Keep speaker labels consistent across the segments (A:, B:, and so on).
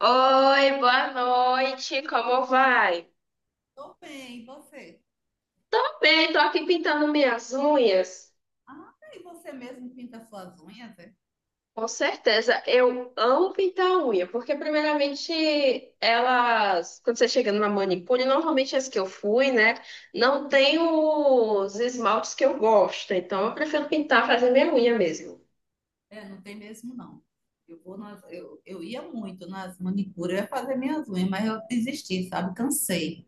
A: Oi, boa noite, como vai?
B: Tô bem, e você?
A: Tô bem, tô aqui pintando minhas unhas.
B: Ah, tá, e você mesmo pinta suas unhas, é?
A: Com certeza, eu amo pintar a unha, porque primeiramente elas, quando você chega numa manicure, normalmente as que eu fui, né, não tem os esmaltes que eu gosto, então eu prefiro pintar, fazer minha unha mesmo.
B: É, não tem mesmo, não. Eu ia muito nas manicuras, eu ia fazer minhas unhas, mas eu desisti, sabe? Cansei.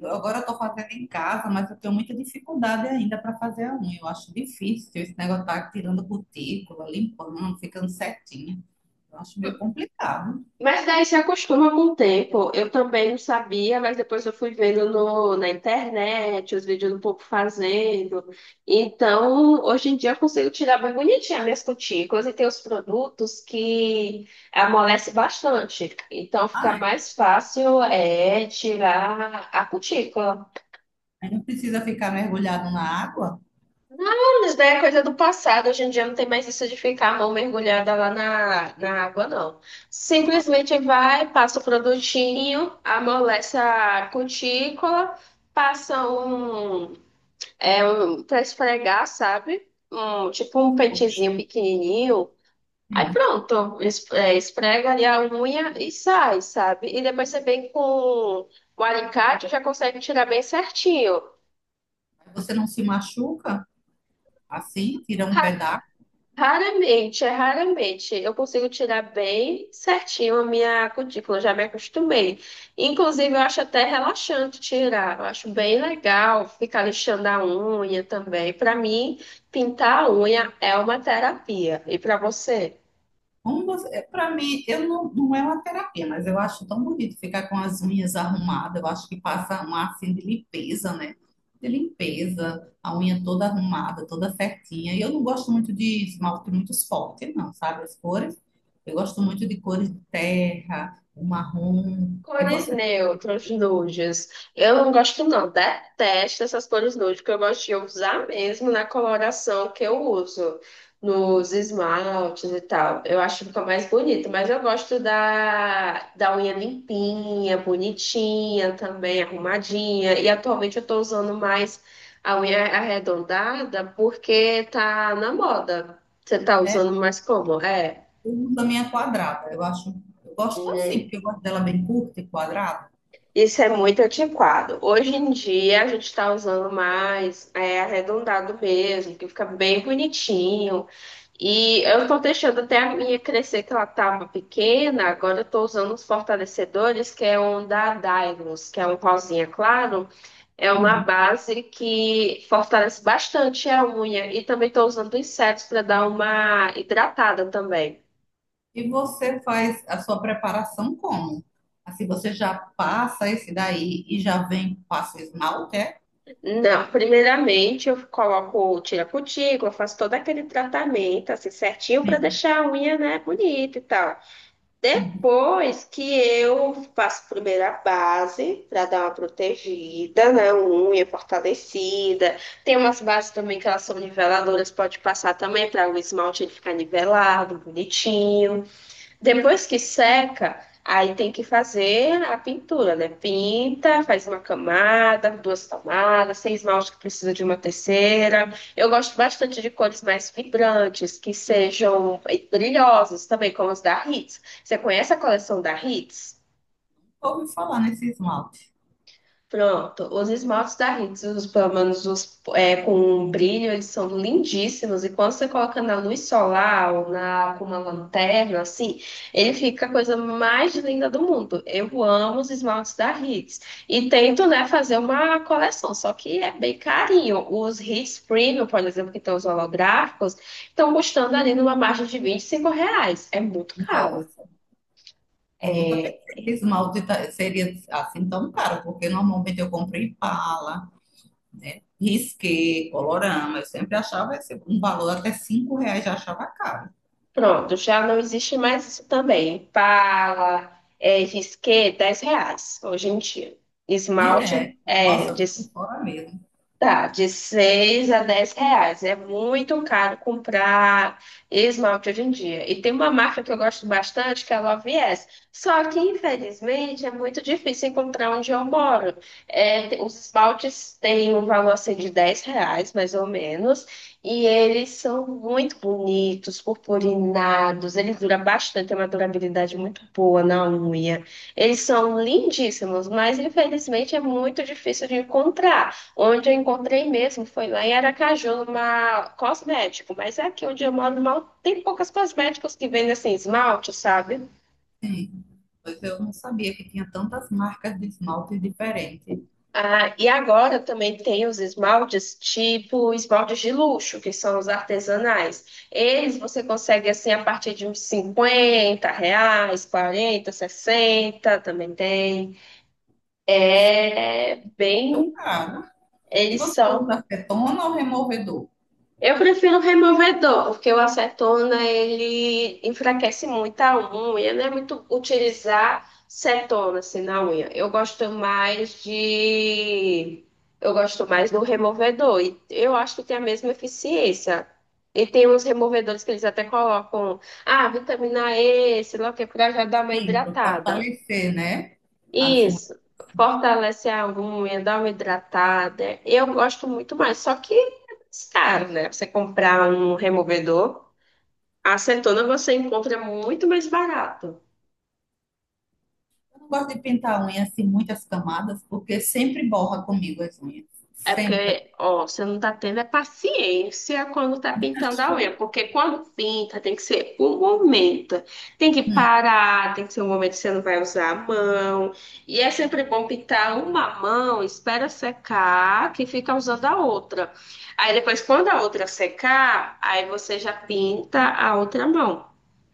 B: Agora eu tô fazendo em casa, mas eu tenho muita dificuldade ainda para fazer a unha. Eu acho difícil esse negócio tá tirando cutícula, limpando, ficando certinha. Eu acho meio complicado.
A: Mas daí se acostuma com o tempo. Eu também não sabia, mas depois eu fui vendo no, na internet, os vídeos do povo fazendo. Então, hoje em dia eu consigo tirar bem bonitinha minhas cutículas e tem os produtos que amolece bastante. Então, fica
B: Ah,
A: mais fácil é tirar a cutícula.
B: aí não precisa ficar mergulhado na água?
A: Anos, né? Coisa do passado. Hoje em dia não tem mais isso de ficar a mão mergulhada lá na água, não. Simplesmente vai, passa o produtinho, amolece a cutícula, passa um para esfregar, sabe? Um, tipo um
B: Ou bem,
A: pentezinho
B: assim.
A: pequenininho. Aí pronto, esfrega ali a unha e sai, sabe? E depois você vem com o alicate, já consegue tirar bem certinho.
B: Aí você não se machuca assim, tira um pedaço.
A: Raramente, é raramente. Eu consigo tirar bem certinho a minha cutícula, já me acostumei. Inclusive, eu acho até relaxante tirar. Eu acho bem legal ficar lixando a unha também. Para mim, pintar a unha é uma terapia. E para você?
B: Como você, para mim, eu não é uma terapia, mas eu acho tão bonito ficar com as unhas arrumadas. Eu acho que passa um ar assim de limpeza, né? De limpeza, a unha toda arrumada, toda certinha. E eu não gosto muito de esmalte muito forte, não, sabe? As cores. Eu gosto muito de cores de terra, o marrom. E
A: Cores
B: você?
A: neutras, nudes. Eu não gosto, não. Detesto essas cores nude, porque eu gosto de usar mesmo na coloração que eu uso, nos esmaltes e tal. Eu acho que fica mais bonito, mas eu gosto da, da unha limpinha, bonitinha também, arrumadinha. E atualmente eu tô usando mais a unha arredondada porque tá na moda. Você tá
B: É,
A: usando mais como? É.
B: eu uso a minha quadrada. Eu acho, eu gosto assim, porque eu gosto dela bem curta e quadrada.
A: Isso é muito antiquado. Hoje em dia a gente está usando mais arredondado mesmo, que fica bem bonitinho. E eu estou deixando até a minha crescer, que ela estava pequena. Agora eu estou usando os fortalecedores, que é um da Dylos, que é um rosinha claro. É uma base que fortalece bastante a unha. E também estou usando insetos para dar uma hidratada também.
B: E você faz a sua preparação como? Assim, você já passa esse daí e já vem, passa esmalte, é?
A: Não, primeiramente eu coloco, tiro a cutícula, faço todo aquele tratamento assim certinho para
B: Sim.
A: deixar a unha, né, bonita e tal.
B: Uhum.
A: Depois que eu faço primeiro a base para dar uma protegida, né, uma unha fortalecida. Tem umas bases também que elas são niveladoras, pode passar também para o esmalte ele ficar nivelado, bonitinho. Depois que seca, aí tem que fazer a pintura, né? Pinta, faz uma camada, duas camadas, sem esmalte que precisa de uma terceira. Eu gosto bastante de cores mais vibrantes, que sejam brilhosas também, como as da Hits. Você conhece a coleção da Hits?
B: Ouvi falar nesse esmalte.
A: Pronto, os esmaltes da Hits, os, pelo menos os com um brilho, eles são lindíssimos. E quando você coloca na luz solar ou com uma lanterna, assim, ele fica a coisa mais linda do mundo. Eu amo os esmaltes da Hits. E tento, né, fazer uma coleção, só que é bem carinho. Os Hits Premium, por exemplo, que estão os holográficos, estão custando ali numa margem de 25 reais. É muito caro.
B: Nossa, eu nunca
A: É.
B: pensei que seria assim tão caro, porque normalmente eu compro Impala, né? Risqué, Colorama, eu sempre achava esse, um valor até 5 reais já achava caro.
A: Pronto, já não existe mais isso também. Pala, risqué, 10 reais hoje em dia.
B: E
A: Esmalte
B: é,
A: é
B: nossa, eu
A: de.
B: tô por fora mesmo.
A: Tá, de 6 a 10 reais. É muito caro comprar esmalte hoje em dia. E tem uma marca que eu gosto bastante, que é a Love Yes. Só que, infelizmente, é muito difícil encontrar onde eu moro. É, os esmaltes têm um valor assim, de 10 reais, mais ou menos. E eles são muito bonitos, purpurinados. Eles duram bastante, tem uma durabilidade muito boa na unha. Eles são lindíssimos, mas, infelizmente, é muito difícil de encontrar. Onde eu encontrei mesmo foi lá em Aracaju, numa cosmético, mas é aqui onde eu moro mal tem poucas cosméticos que vendem assim esmalte, sabe?
B: Sim. Pois eu não sabia que tinha tantas marcas de esmalte diferentes.
A: Ah, e agora também tem os esmaltes tipo esmaltes de luxo, que são os artesanais. Eles você consegue assim a partir de uns 50 reais, 40, 60, também tem. É
B: Super
A: bem,
B: caro. E
A: eles
B: você
A: são.
B: usa acetona ou removedor?
A: Eu prefiro removedor, porque o acetona ele enfraquece muito a unha, não é muito utilizar cetona assim na unha. Eu gosto mais do removedor e eu acho que tem a mesma eficiência. E tem uns removedores que eles até colocam, vitamina E, sei lá o que, pra já dar uma
B: Sim, para
A: hidratada.
B: fortalecer, né? As unhas.
A: Isso, fortalece a unha, dá uma hidratada. Eu gosto muito mais, só que é mais caro, né? Você comprar um removedor, acetona você encontra muito mais barato.
B: Eu não gosto de pintar a unha assim, muitas camadas, porque sempre borra comigo as unhas.
A: É
B: Sempre.
A: porque, ó, você não tá tendo é paciência quando tá pintando a unha, porque quando pinta tem que ser um momento, tem que
B: Hum,
A: parar, tem que ser um momento que você não vai usar a mão, e é sempre bom pintar uma mão, espera secar, que fica usando a outra. Aí depois, quando a outra secar, aí você já pinta a outra mão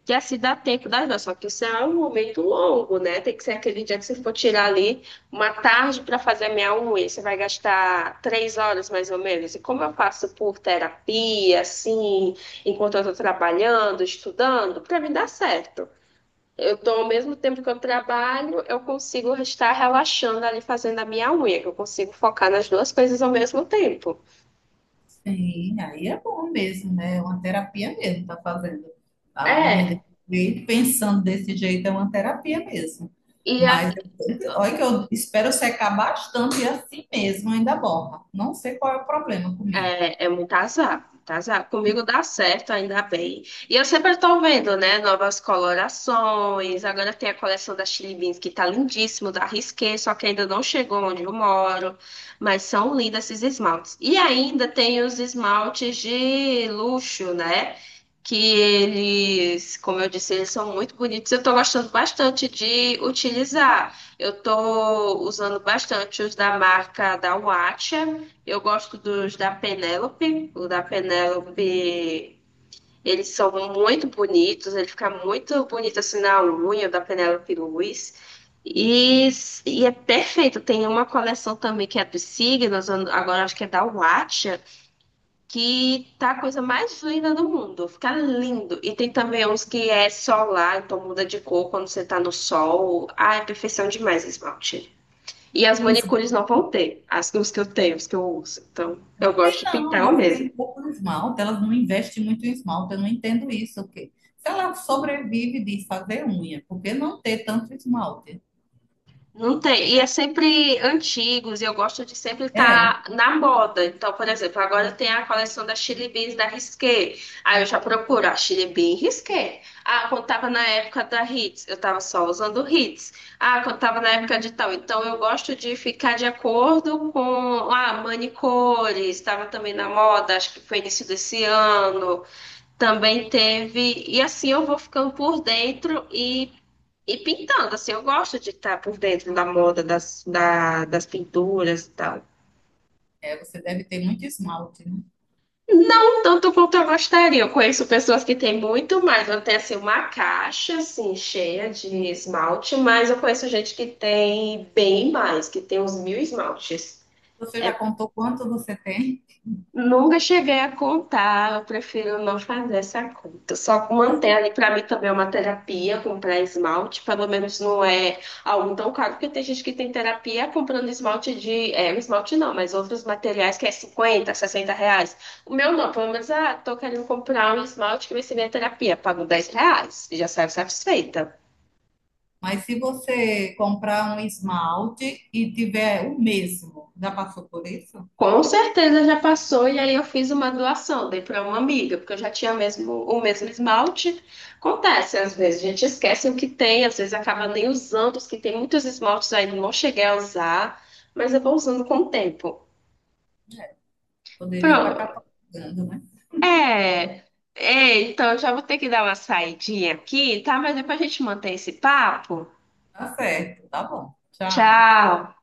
A: que assim dá tempo das duas, só que isso é um momento longo, né? Tem que ser aquele dia que você for tirar ali uma tarde para fazer a minha unha, você vai gastar 3 horas mais ou menos. E como eu passo por terapia, assim, enquanto eu estou trabalhando, estudando, para mim dá certo. Eu tô, ao mesmo tempo que eu trabalho, eu consigo estar relaxando ali fazendo a minha unha, que eu consigo focar nas duas coisas ao mesmo tempo.
B: sim, aí é bom mesmo, né? É uma terapia mesmo, tá fazendo a unha
A: É.
B: desse jeito, pensando desse jeito, é uma terapia mesmo.
A: e a-
B: Mas olha que eu espero secar bastante e assim mesmo ainda borra. Não sei qual é o problema comigo.
A: É, é muito azar, muito azar. Comigo dá certo, ainda bem. E eu sempre estou vendo, né, novas colorações. Agora tem a coleção da Chili Beans, que tá lindíssimo, da Risqué, só que ainda não chegou onde eu moro. Mas são lindos esses esmaltes. E ainda tem os esmaltes de luxo, né? Que eles, como eu disse, eles são muito bonitos. Eu estou gostando bastante de utilizar. Eu estou usando bastante os da marca da Watch. Eu gosto dos da Penélope. O da Penélope, eles são muito bonitos. Ele fica muito bonito assim na unha o da Penélope Luiz. E, e é perfeito. Tem uma coleção também que é dos signos, agora acho que é da Watcha, que tá a coisa mais linda do mundo. Fica lindo. E tem também uns que é solar, então muda de cor quando você tá no sol. Ah, é perfeição demais esse esmalte. E as manicures não vão ter, os que eu tenho, os que eu uso. Então, eu gosto de
B: Não,
A: pintar eu
B: elas
A: mesmo.
B: têm pouco esmalte, elas não investem muito em esmalte, eu não entendo isso. O quê? Se ela sobrevive de fazer unha, por que não ter tanto esmalte?
A: Não tem, e é sempre antigos, e eu gosto de sempre
B: É,
A: estar na moda. Então, por exemplo, agora tem a coleção da Chili Beans da Risqué. Aí eu já procuro a Chili Bean Risqué. Ah, quando tava na época da Hits, eu tava só usando Hits. Ah, quando tava na época de tal. Então, eu gosto de ficar de acordo com, manicores, estava também na moda, acho que foi início desse ano. Também teve. E assim eu vou ficando por dentro e pintando. Assim, eu gosto de estar por dentro da moda, das pinturas e tal.
B: você deve ter muito esmalte, né?
A: Não tanto quanto eu gostaria. Eu conheço pessoas que têm muito mais. Eu tenho assim, uma caixa assim, cheia de esmalte, mas eu conheço gente que tem bem mais, que tem uns mil esmaltes.
B: Você já contou quanto você tem,
A: Nunca cheguei a contar, eu prefiro não fazer essa conta. Só manter ali, para mim também é uma terapia, comprar esmalte, pelo menos não é algo tão caro, porque tem gente que tem terapia comprando esmalte de. É, esmalte não, mas outros materiais que é 50, 60 reais. O meu não, pelo menos, ah, tô querendo comprar um esmalte que vai ser minha terapia, pago 10 reais, e já saio satisfeita.
B: mas se você comprar um esmalte e tiver o mesmo, já passou por isso?
A: Com certeza já passou e aí eu fiz uma doação, dei para uma amiga, porque eu já tinha mesmo, o mesmo esmalte. Acontece, às vezes a gente esquece o que tem, às vezes acaba nem usando, os que tem muitos esmaltes ainda não cheguei a usar, mas eu vou usando com o tempo.
B: Poderia estar
A: Pronto.
B: catalogando, né?
A: É, é, então eu já vou ter que dar uma saidinha aqui, tá? Mas depois a gente mantém esse papo.
B: Tá certo, tá bom. Tchau.
A: Tchau.